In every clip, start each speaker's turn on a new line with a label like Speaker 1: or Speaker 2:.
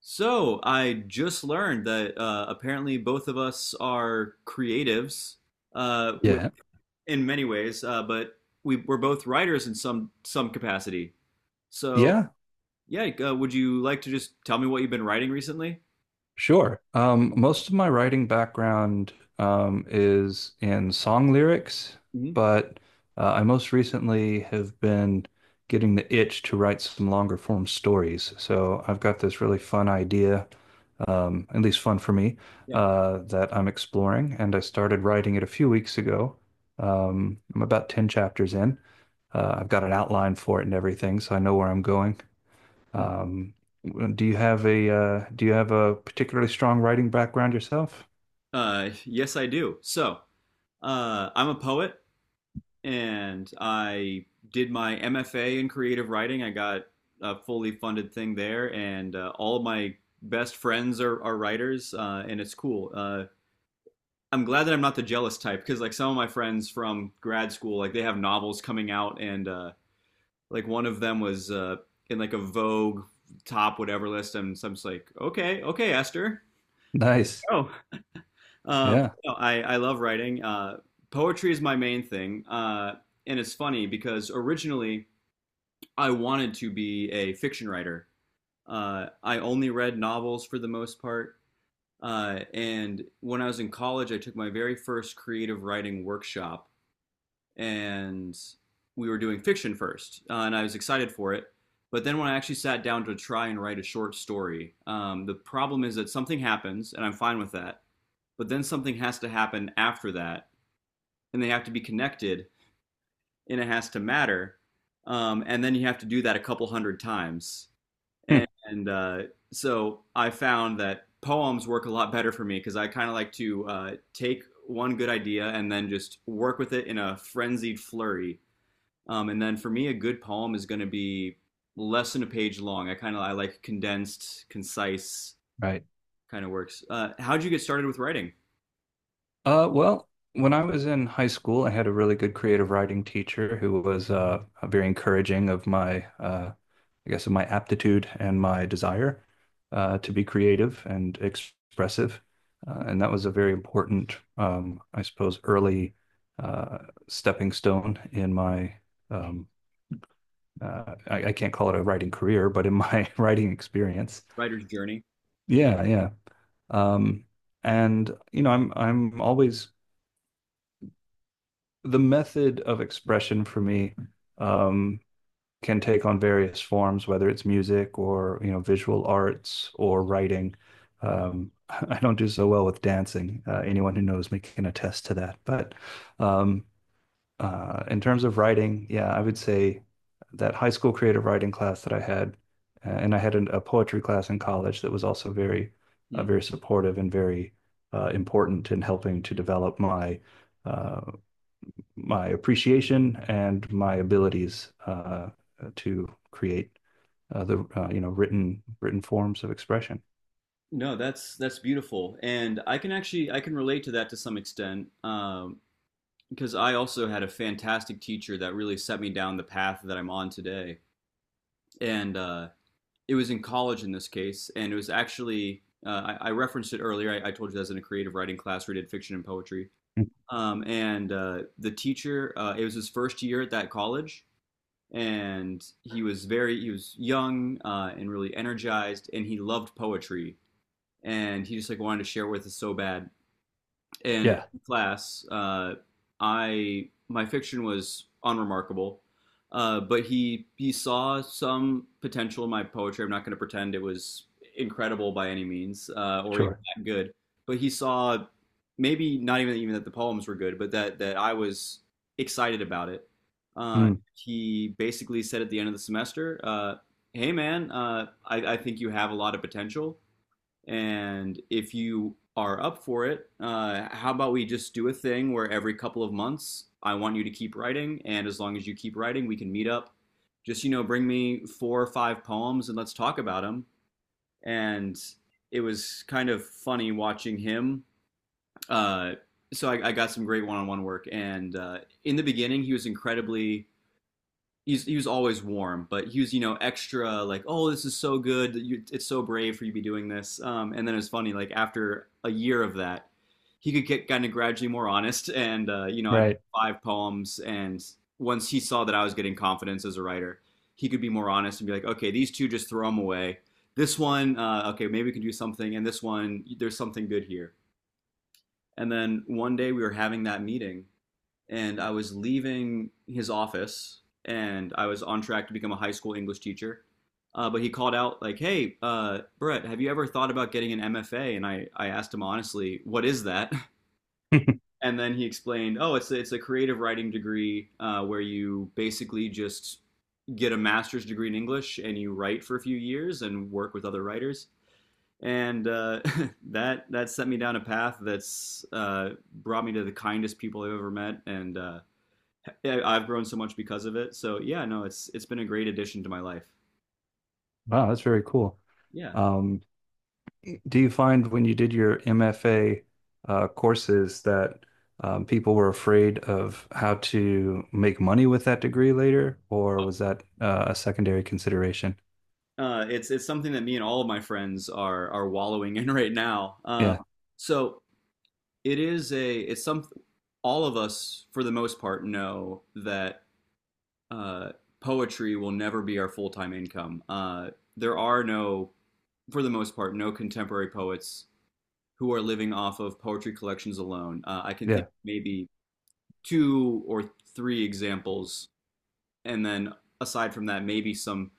Speaker 1: So I just learned that apparently both of us are creatives uh, wi-
Speaker 2: Yeah.
Speaker 1: in many ways, but we're both writers in some capacity. So
Speaker 2: Yeah,
Speaker 1: yeah, like, would you like to just tell me what you've been writing recently?
Speaker 2: sure. Most of my writing background is in song lyrics,
Speaker 1: Hmm.
Speaker 2: but I most recently have been getting the itch to write some longer form stories. So I've got this really fun idea, at least fun for me,
Speaker 1: Yeah.
Speaker 2: that I'm exploring, and I started writing it a few weeks ago. I'm about 10 chapters in. I've got an outline for it and everything, so I know where I'm going.
Speaker 1: Mhm.
Speaker 2: Um, do you have a particularly strong writing background yourself?
Speaker 1: Yes, I do. So I'm a poet. And I did my MFA in creative writing. I got a fully funded thing there, and all of my best friends are writers, and it's cool. I'm glad that I'm not the jealous type because, like, some of my friends from grad school, like, they have novels coming out, and like one of them was in like a Vogue top whatever list, and so I'm just like, okay, okay, Esther.
Speaker 2: Nice.
Speaker 1: Oh. Um,
Speaker 2: Yeah.
Speaker 1: no, I love writing. Poetry is my main thing, and it's funny because originally I wanted to be a fiction writer. I only read novels for the most part. And when I was in college, I took my very first creative writing workshop, and we were doing fiction first, and I was excited for it. But then when I actually sat down to try and write a short story, the problem is that something happens, and I'm fine with that. But then something has to happen after that, and they have to be connected, and it has to matter. And then you have to do that a couple hundred times.
Speaker 2: Hmm.
Speaker 1: And so I found that poems work a lot better for me because I kind of like to take one good idea and then just work with it in a frenzied flurry. And then for me, a good poem is going to be less than a page long. I like condensed, concise
Speaker 2: Right.
Speaker 1: kind of works. How'd you get started with writing?
Speaker 2: Well, when I was in high school, I had a really good creative writing teacher who was very encouraging of my, I guess, of my aptitude and my desire to be creative and expressive. And that was a very important, I suppose, early uh, stepping stone in my um, I can't call it a writing career, but in my writing experience.
Speaker 1: Writer's journey.
Speaker 2: Yeah, yeah. Um, and you know, I'm always the method of expression for me um, can take on various forms, whether it's music or you know visual arts or writing. I don't do so well with dancing. Anyone who knows me can attest to that. But um, in terms of writing, yeah, I would say that high school creative writing class that I had, and I had a poetry class in college that was also very,
Speaker 1: Hmm.
Speaker 2: very supportive and very important in helping to develop my uh, my appreciation and my abilities to create the you know written forms of expression.
Speaker 1: No, that's beautiful, and I can relate to that to some extent. Because I also had a fantastic teacher that really set me down the path that I'm on today. And It was in college in this case, and it was actually I referenced it earlier. I told you that's in a creative writing class where we did fiction and poetry.
Speaker 2: Mm.
Speaker 1: And The teacher, it was his first year at that college, and he was young, and really energized, and he loved poetry, and he just like wanted to share with us so bad. And in
Speaker 2: Yeah,
Speaker 1: class, I my fiction was unremarkable, but he saw some potential in my poetry. I'm not going to pretend it was incredible by any means, or even
Speaker 2: sure.
Speaker 1: that good. But he saw maybe not even that the poems were good, but that I was excited about it.
Speaker 2: Mm,
Speaker 1: He basically said at the end of the semester, "Hey man, I think you have a lot of potential. And if you are up for it, how about we just do a thing where every couple of months I want you to keep writing, and as long as you keep writing, we can meet up. Just bring me four or five poems and let's talk about them. And it was kind of funny watching him. Uh, so I got some great one-on-one work, and in the beginning, he was always warm, but he was, extra like, oh this is so good, you, it's so brave for you to be doing this. And then it's funny like after a year of that, he could get kind of gradually more honest, and I did
Speaker 2: right.
Speaker 1: five poems, and once he saw that I was getting confidence as a writer, he could be more honest and be like okay these two just throw them away. This one, okay maybe we can do something, and this one there's something good here. And then one day we were having that meeting and I was leaving his office, and I was on track to become a high school English teacher. But he called out like, "Hey, Brett, have you ever thought about getting an MFA?" And I asked him honestly, "What is that?" And then he explained, "Oh, it's a creative writing degree where you basically just get a master's degree in English and you write for a few years and work with other writers." And that set me down a path that's brought me to the kindest people I've ever met, and yeah, I've grown so much because of it. So yeah, no, it's been a great addition to my life.
Speaker 2: Wow, that's very cool.
Speaker 1: Yeah,
Speaker 2: Um, do you find when you did your MFA courses that people were afraid of how to make money with that degree later, or was that a secondary consideration?
Speaker 1: it's something that me and all of my friends are wallowing in right now.
Speaker 2: Yeah,
Speaker 1: So it is a it's some all of us for the most part know that uh, poetry will never be our full time income. There are no for the most part, no contemporary poets who are living off of poetry collections alone. I can think
Speaker 2: yeah,
Speaker 1: of maybe two or three examples, and then aside from that, maybe some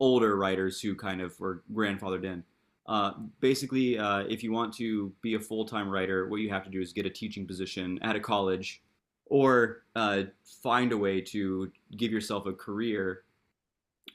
Speaker 1: older writers who kind of were grandfathered in. Uh, Basically, if you want to be a full time writer, what you have to do is get a teaching position at a college or find a way to give yourself a career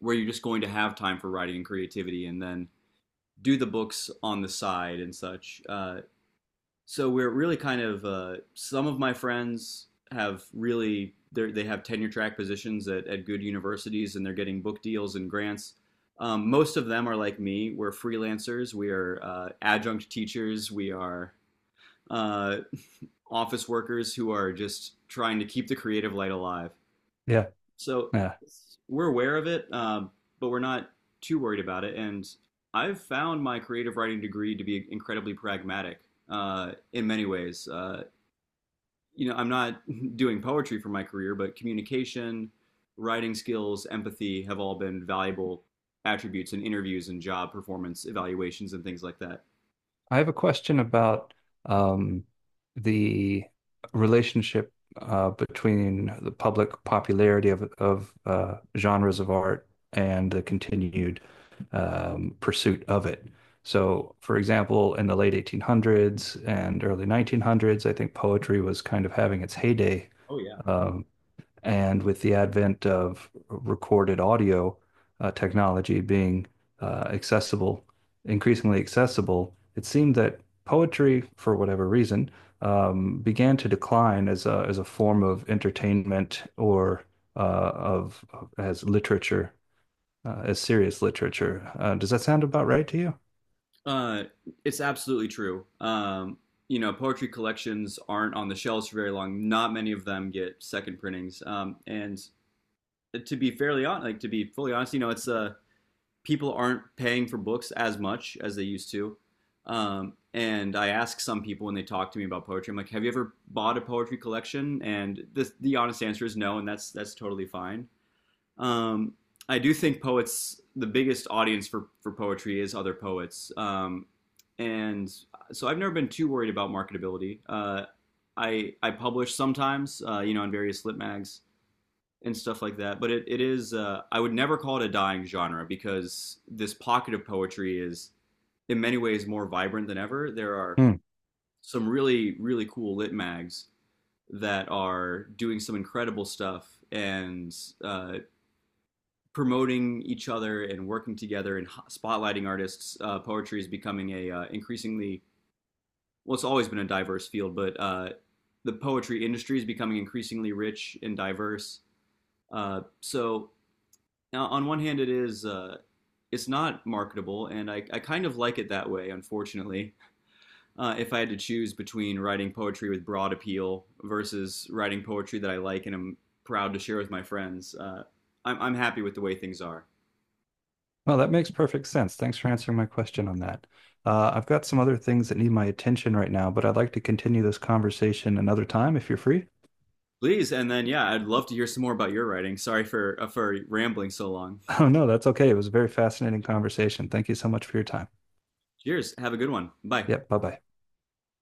Speaker 1: where you're just going to have time for writing and creativity and then do the books on the side and such. So we're really kind of some of my friends have really they have tenure track positions at good universities and they're getting book deals and grants. Most of them are like me. We're freelancers. We are adjunct teachers. We are uh, office workers who are just trying to keep the creative light alive.
Speaker 2: yeah,
Speaker 1: So
Speaker 2: yeah.
Speaker 1: we're aware of it, but we're not too worried about it. And I've found my creative writing degree to be incredibly pragmatic in many ways. I'm not doing poetry for my career, but communication, writing skills, empathy have all been valuable attributes in interviews and job performance evaluations and things like that.
Speaker 2: I have a question about um, the relationship between the public popularity of genres of art and the continued pursuit of it. So, for example, in the late 1800s and early 1900s, I think poetry was kind of having its heyday.
Speaker 1: Oh yeah.
Speaker 2: Um, and with the advent of recorded audio technology being accessible, increasingly accessible, it seemed that poetry, for whatever reason, began to decline as as a form of entertainment or uh, of as literature, as serious literature. Does that sound about right to you?
Speaker 1: Uh, it's absolutely true. Poetry collections aren't on the shelves for very long. Not many of them get second printings. And to be fairly honest, like to be fully honest, you know, it's a people aren't paying for books as much as they used to. And I ask some people when they talk to me about poetry, I'm like, "Have you ever bought a poetry collection?" And the honest answer is no, and that's totally fine. Um, I do think poets, the biggest audience for poetry is other poets, and so I've never been too worried about marketability. I publish sometimes, in various lit mags, and stuff like that. But it is, I would never call it a dying genre because this pocket of poetry is in many ways more vibrant than ever. There are
Speaker 2: Hmm.
Speaker 1: some really, really cool lit mags that are doing some incredible stuff and uh, promoting each other and working together and spotlighting artists. Poetry is becoming a increasingly, well, it's always been a diverse field, but the poetry industry is becoming increasingly rich and diverse. Uh, so Now, on one hand, it is, it's not marketable, and I kind of like it that way. Unfortunately, if I had to choose between writing poetry with broad appeal versus writing poetry that I like and am proud to share with my friends, I'm happy with the way things are.
Speaker 2: Well, that makes perfect sense. Thanks for answering my question on that. I've got some other things that need my attention right now, but I'd like to continue this conversation another time if you're free.
Speaker 1: Please, and then yeah, I'd love to hear some more about your writing. Sorry for rambling so long.
Speaker 2: Oh, no, that's okay. It was a very fascinating conversation. Thank you so much for your time.
Speaker 1: Cheers. Have a good one. Bye.
Speaker 2: Yep, bye-bye.